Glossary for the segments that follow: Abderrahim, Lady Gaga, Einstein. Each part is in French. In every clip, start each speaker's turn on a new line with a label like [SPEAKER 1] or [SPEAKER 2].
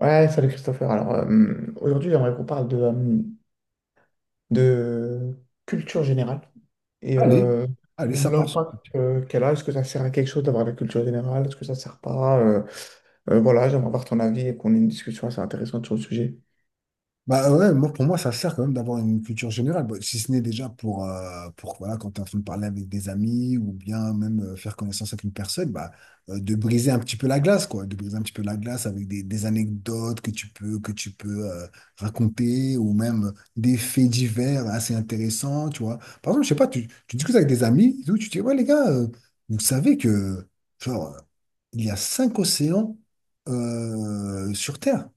[SPEAKER 1] Ouais, salut Christopher. Alors, aujourd'hui, j'aimerais qu'on parle de culture générale et
[SPEAKER 2] Allez,
[SPEAKER 1] euh,
[SPEAKER 2] allez, ça part
[SPEAKER 1] l'impact qu'elle a. Est-ce que ça sert à quelque chose d'avoir la culture générale? Est-ce que ça sert pas? Voilà, j'aimerais avoir ton avis et qu'on ait une discussion assez intéressante sur le sujet.
[SPEAKER 2] bah ouais, moi, pour moi, ça sert quand même d'avoir une culture générale. Bah, si ce n'est déjà pour voilà, quand tu es en train de parler avec des amis ou bien même faire connaissance avec une personne, bah, de briser un petit peu la glace, quoi, de briser un petit peu la glace avec des anecdotes que tu peux raconter ou même des faits divers assez intéressants, tu vois. Par exemple, je sais pas, tu discutes avec des amis, et tout, tu dis, ouais, les gars, vous savez que, genre, il y a cinq océans sur Terre.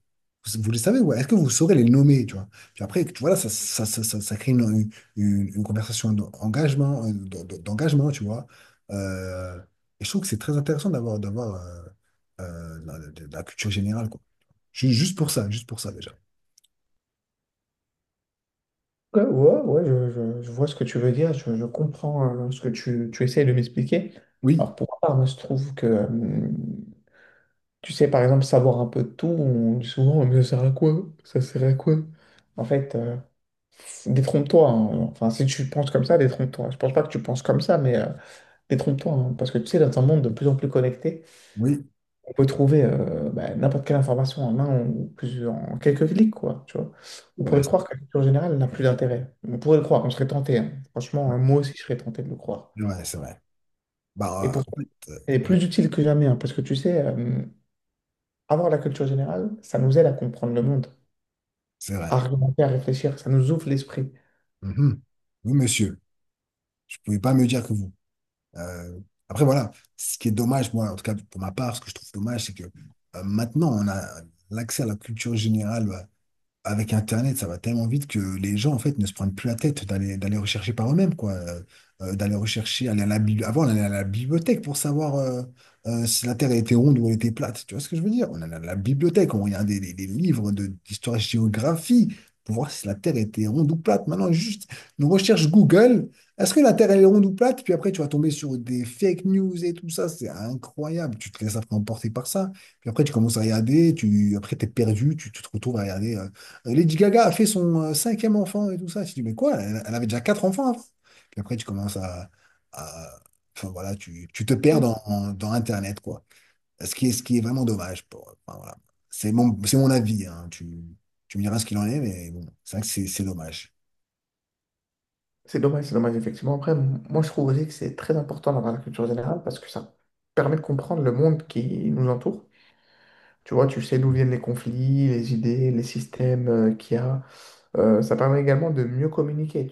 [SPEAKER 2] Vous les savez, ouais. Est-ce que vous saurez les nommer, tu vois? Puis après, tu vois, là, ça crée une conversation d'engagement, d'engagement, tu vois. Euh, et je trouve que c'est très intéressant d'avoir la culture générale, quoi. Juste pour ça, déjà.
[SPEAKER 1] Ouais, ouais, ouais, je vois ce que tu veux dire, je comprends ce que tu essayes de m'expliquer.
[SPEAKER 2] Oui,
[SPEAKER 1] Alors, pour ma part, moi, je trouve que, tu sais, par exemple, savoir un peu de tout, on dit souvent, mais ça sert à quoi? Ça sert à quoi? En fait, détrompe-toi, hein. Enfin, si tu penses comme ça, détrompe-toi. Je pense pas que tu penses comme ça, mais détrompe-toi, hein. Parce que tu sais, dans un monde de plus en plus connecté,
[SPEAKER 2] oui.
[SPEAKER 1] on peut trouver bah, n'importe quelle information en un ou plusieurs, en quelques clics, quoi. Tu vois. On
[SPEAKER 2] Ouais,
[SPEAKER 1] pourrait
[SPEAKER 2] c'est
[SPEAKER 1] croire que la culture générale n'a plus d'intérêt. On pourrait le croire, on serait tenté, hein. Franchement,
[SPEAKER 2] ouais,
[SPEAKER 1] hein, moi aussi, je serais tenté de le croire.
[SPEAKER 2] ouais, c'est vrai.
[SPEAKER 1] Et
[SPEAKER 2] Bah, en
[SPEAKER 1] pourtant,
[SPEAKER 2] fait,
[SPEAKER 1] elle est
[SPEAKER 2] ouais,
[SPEAKER 1] plus utile que jamais, hein, parce que tu sais, avoir la culture générale, ça nous aide à comprendre le monde,
[SPEAKER 2] c'est
[SPEAKER 1] à
[SPEAKER 2] vrai.
[SPEAKER 1] argumenter, à réfléchir, ça nous ouvre l'esprit.
[SPEAKER 2] Mhm. Oui, monsieur. Je ne pouvais pas me dire que vous. Euh, Après, voilà, ce qui est dommage, moi, en tout cas pour ma part, ce que je trouve dommage, c'est que maintenant, on a l'accès à la culture générale. Bah, avec Internet, ça va tellement vite que les gens, en fait, ne se prennent plus la tête d'aller rechercher par eux-mêmes, quoi. D'aller rechercher, aller à la avant, on allait à la bibliothèque pour savoir si la Terre était ronde ou elle était plate. Tu vois ce que je veux dire? On allait à la bibliothèque, on regardait des livres d'histoire-géographie pour voir si la Terre était ronde ou plate. Maintenant, juste une recherche Google, est-ce que la Terre, elle est ronde ou plate? Puis après, tu vas tomber sur des fake news et tout ça. C'est incroyable. Tu te laisses après emporter par ça. Puis après, tu commences à regarder, après, t'es perdu, tu te retrouves à regarder. Lady Gaga a fait son cinquième enfant et tout ça. Je dis, mais quoi? Elle avait déjà quatre enfants avant. Puis après, tu commences à- enfin voilà, tu te perds dans Internet, quoi. Ce ce qui est vraiment dommage. Enfin, voilà. C'est mon avis, hein. Tu me diras ce qu'il en est, mais bon, c'est vrai que c'est dommage.
[SPEAKER 1] C'est dommage, effectivement. Après, moi, je trouve aussi que c'est très important d'avoir la culture générale parce que ça permet de comprendre le monde qui nous entoure. Tu vois, tu sais d'où viennent les conflits, les idées, les systèmes qu'il y a. Ça permet également de mieux communiquer.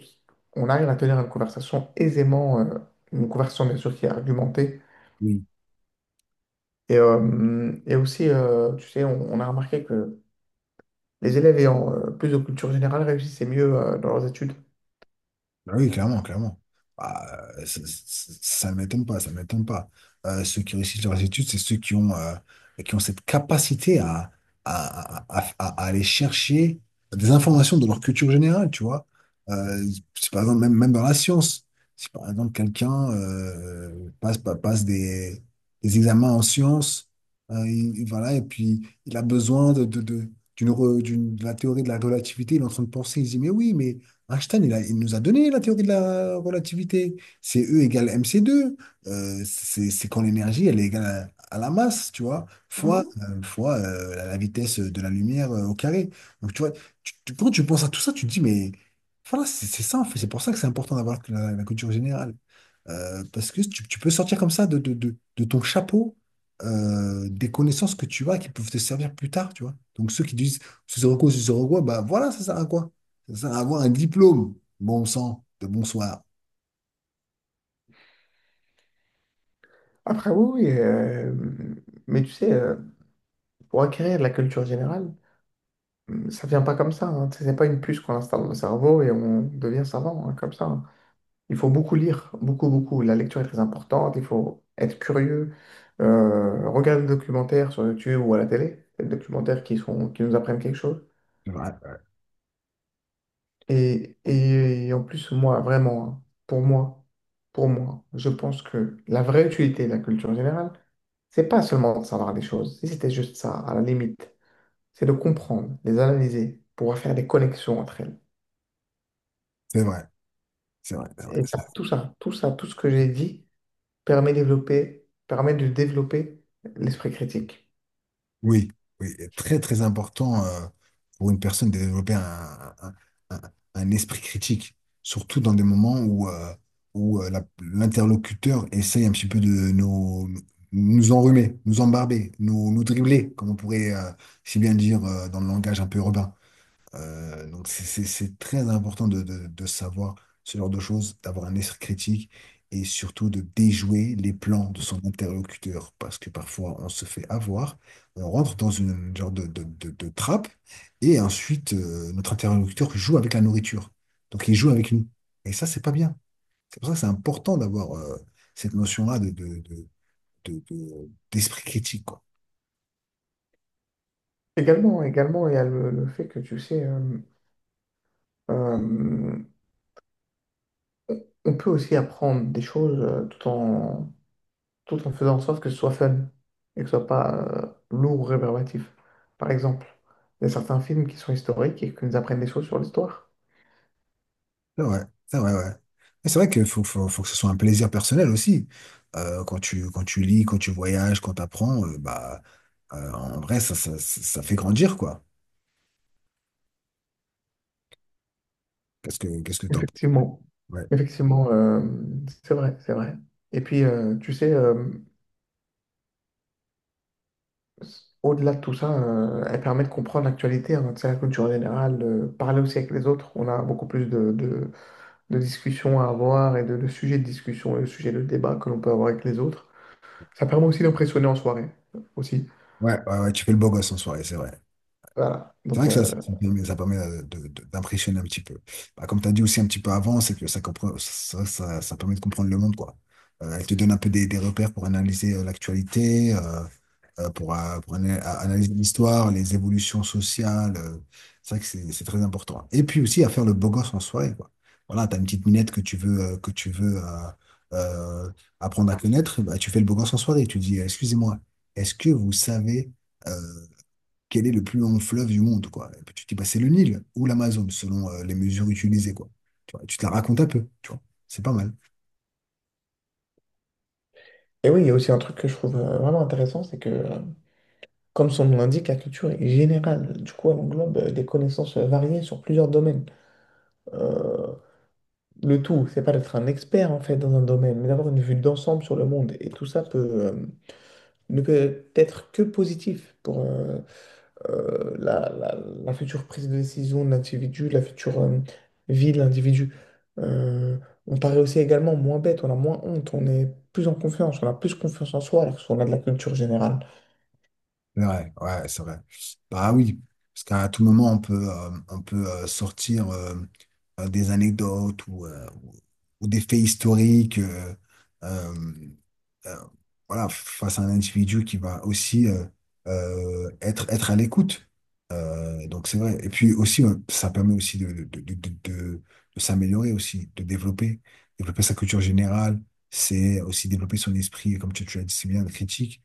[SPEAKER 1] On arrive à tenir une conversation aisément, une conversation bien sûr qui est argumentée.
[SPEAKER 2] Oui.
[SPEAKER 1] Et aussi, tu sais, on a remarqué que les élèves ayant plus de culture générale réussissaient mieux dans leurs études.
[SPEAKER 2] Bah oui, clairement, clairement. Bah, ça ne m'étonne pas, ça ne m'étonne pas. Ceux qui réussissent leurs études, c'est ceux qui ont cette capacité à aller chercher des informations de leur culture générale, tu vois. Euh, Si par exemple, même, même dans la science, si par exemple quelqu'un passe des examens en sciences, voilà, et puis il a besoin de la théorie de la relativité, il est en train de penser, il se dit, mais oui, mais Einstein, il nous a donné la théorie de la relativité. C'est E=mc². C'est quand l'énergie, elle est égale à la masse, tu vois, fois, fois la vitesse de la lumière au carré. Donc, tu vois, quand tu penses à tout ça, tu te dis, mais voilà, c'est ça, en fait. C'est pour ça que c'est important d'avoir la culture générale. Parce que tu peux sortir comme ça de ton chapeau des connaissances que tu as qui peuvent te servir plus tard, tu vois. Donc ceux qui disent ce sera quoi, bah voilà, ça sert à quoi? Ça sert à avoir un diplôme. Bon sang, de bonsoir.
[SPEAKER 1] Après, oui, oui, mais tu sais, pour acquérir de la culture générale, ça vient pas comme ça, hein. Tu sais, c'est pas une puce qu'on installe dans le cerveau et on devient savant hein, comme ça, hein. Il faut beaucoup lire, beaucoup, beaucoup. La lecture est très importante, il faut être curieux, regarder des documentaires sur YouTube ou à la télé, des documentaires qui sont, qui nous apprennent quelque chose.
[SPEAKER 2] C'est vrai, ouais.
[SPEAKER 1] Et, en plus, moi, vraiment, hein, pour moi, je pense que la vraie utilité de la culture générale, c'est pas seulement de savoir des choses, si c'était juste ça, à la limite, c'est de comprendre, les analyser, pouvoir faire des connexions entre elles.
[SPEAKER 2] C'est vrai, c'est vrai, c'est vrai.
[SPEAKER 1] Et ça, tout ça, tout ça, tout ce que j'ai dit, permet de développer l'esprit critique.
[SPEAKER 2] Oui, oui, et très très important pour une personne de développer un- un esprit critique, surtout dans des moments où, l'interlocuteur essaye un petit peu de nous, nous enrhumer, nous embarber, nous dribbler, comme on pourrait si bien dire dans le langage un peu urbain. Donc c'est très important de savoir ce genre de choses, d'avoir un esprit critique et surtout de déjouer les plans de son interlocuteur parce que parfois on se fait avoir, on rentre dans une genre de trappe et ensuite notre interlocuteur joue avec la nourriture. Donc il joue avec nous. Et ça, c'est pas bien. C'est pour ça que c'est important d'avoir cette notion-là d'esprit critique, quoi.
[SPEAKER 1] Également, également, il y a le fait que, tu sais, euh, on peut aussi apprendre des choses tout en, tout en faisant en sorte que ce soit fun et que ce soit pas lourd ou rébarbatif. Par exemple, il y a certains films qui sont historiques et qui nous apprennent des choses sur l'histoire.
[SPEAKER 2] C'est vrai, ouais. Et c'est vrai qu'il faut, faut, faut que ce soit un plaisir personnel aussi. Quand quand tu lis, quand tu voyages, quand tu apprends, bah, en vrai, ça fait grandir, quoi. Qu'est-ce que t'en...
[SPEAKER 1] Effectivement,
[SPEAKER 2] Ouais.
[SPEAKER 1] effectivement, c'est vrai, c'est vrai. Et puis, tu sais, au-delà de tout ça, elle permet de comprendre l'actualité, hein, tu sais, la culture générale, parler aussi avec les autres. On a beaucoup plus de, de discussions à avoir et de sujets de discussion, de sujets de débat que l'on peut avoir avec les autres. Ça permet aussi d'impressionner en soirée, aussi.
[SPEAKER 2] Ouais, ouais, ouais, tu fais le beau gosse en soirée, c'est vrai.
[SPEAKER 1] Voilà.
[SPEAKER 2] C'est
[SPEAKER 1] Donc,
[SPEAKER 2] vrai que ça ça permet d'impressionner un petit peu. Bah, comme tu as dit aussi un petit peu avant, c'est que ça, comprend, ça permet de comprendre le monde, quoi. Elle te donne un peu des repères pour analyser l'actualité. À analyser l'histoire, les évolutions sociales. C'est vrai que c'est très important. Et puis aussi à faire le beau gosse en soirée, quoi. Voilà, t'as une petite minette que tu veux, euh, apprendre à connaître, bah, tu fais le beau gosse en soirée. Tu dis, excusez-moi, est-ce que vous savez euh, quel est le plus long fleuve du monde, quoi? Et puis tu dis, bah, c'est le Nil ou l'Amazone, selon les mesures utilisées, quoi. Tu vois, tu te la racontes un peu, tu vois. C'est pas mal.
[SPEAKER 1] et oui, il y a aussi un truc que je trouve vraiment intéressant, c'est que, comme son nom l'indique, la culture est générale. Du coup, elle englobe des connaissances variées sur plusieurs domaines. Euh, le tout, c'est pas d'être un expert en fait dans un domaine, mais d'avoir une vue d'ensemble sur le monde. Et tout ça peut, ne peut être que positif pour la, la future prise de décision de l'individu, la future vie de l'individu. Euh, on paraît aussi également moins bête, on a moins honte, on est plus en confiance, on a plus confiance en soi alors qu'on a de la culture générale.
[SPEAKER 2] C'est vrai, ouais, c'est vrai. Bah oui, parce qu'à tout moment, on peut, sortir des anecdotes ou des faits historiques. Euh, euh, voilà, face à un individu qui va aussi être à l'écoute. Donc c'est vrai. Et puis aussi, ça permet aussi de s'améliorer aussi, de développer, développer sa culture générale. C'est aussi développer son esprit, comme tu l'as dit si bien, critique,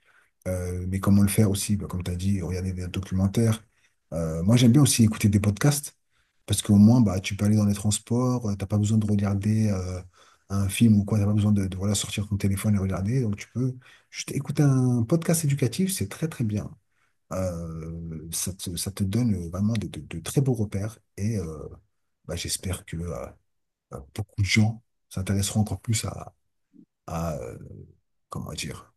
[SPEAKER 2] mais comment le faire aussi? Bah, comme tu as dit, regarder des documentaires. Moi, j'aime bien aussi écouter des podcasts parce qu'au moins, bah, tu peux aller dans les transports, t'as pas besoin de regarder un film ou quoi, t'as pas besoin voilà, sortir ton téléphone et regarder. Donc, tu peux juste écouter un podcast éducatif, c'est très, très bien. Ça te donne vraiment de très beaux repères et bah, j'espère que bah, beaucoup de gens s'intéresseront encore plus à, euh, comment dire,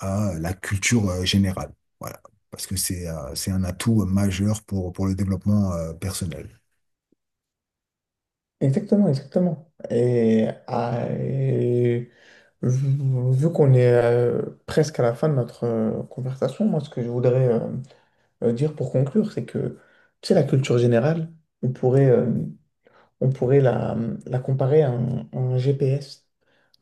[SPEAKER 2] à la culture générale. Voilà. Parce que c'est un atout majeur pour le développement personnel.
[SPEAKER 1] Exactement, exactement. Et, ah, et vu vu qu'on est presque à la fin de notre conversation, moi, ce que je voudrais dire pour conclure, c'est que, tu sais, la culture générale, on pourrait, euh, on pourrait la, la comparer à un GPS.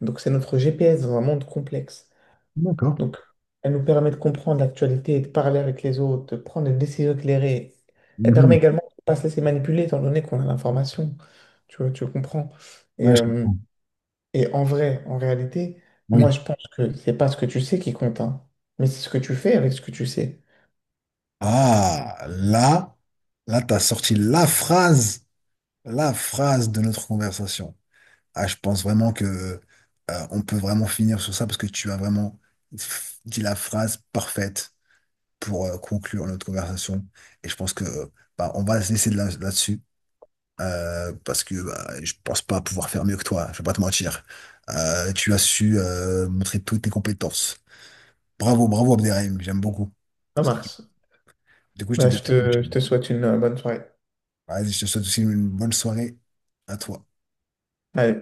[SPEAKER 1] Donc, c'est notre GPS dans un monde complexe.
[SPEAKER 2] D'accord.
[SPEAKER 1] Donc, elle nous permet de comprendre l'actualité, de parler avec les autres, de prendre des décisions éclairées. Elle permet
[SPEAKER 2] Mhm.
[SPEAKER 1] également de ne pas se laisser manipuler, étant donné qu'on a l'information. Tu vois, tu comprends. Et,
[SPEAKER 2] Ouais, je
[SPEAKER 1] euh,
[SPEAKER 2] comprends.
[SPEAKER 1] et en vrai, en réalité, moi,
[SPEAKER 2] Oui.
[SPEAKER 1] je pense que c'est pas ce que tu sais qui compte, hein, mais c'est ce que tu fais avec ce que tu sais.
[SPEAKER 2] Ah, là, là, t'as sorti la phrase de notre conversation. Ah, je pense vraiment que on peut vraiment finir sur ça parce que tu as vraiment dit la phrase parfaite pour conclure notre conversation. Et je pense que bah, on va se laisser là-dessus parce que bah, je pense pas pouvoir faire mieux que toi. Je vais pas te mentir. Tu as su montrer toutes tes compétences. Bravo, bravo Abderrahim. J'aime beaucoup.
[SPEAKER 1] Ça
[SPEAKER 2] Parce que,
[SPEAKER 1] marche.
[SPEAKER 2] du coup, je te
[SPEAKER 1] Bah,
[SPEAKER 2] dis,
[SPEAKER 1] je te souhaite une bonne soirée.
[SPEAKER 2] vas-y, je te souhaite aussi une bonne soirée à toi.
[SPEAKER 1] Ouais.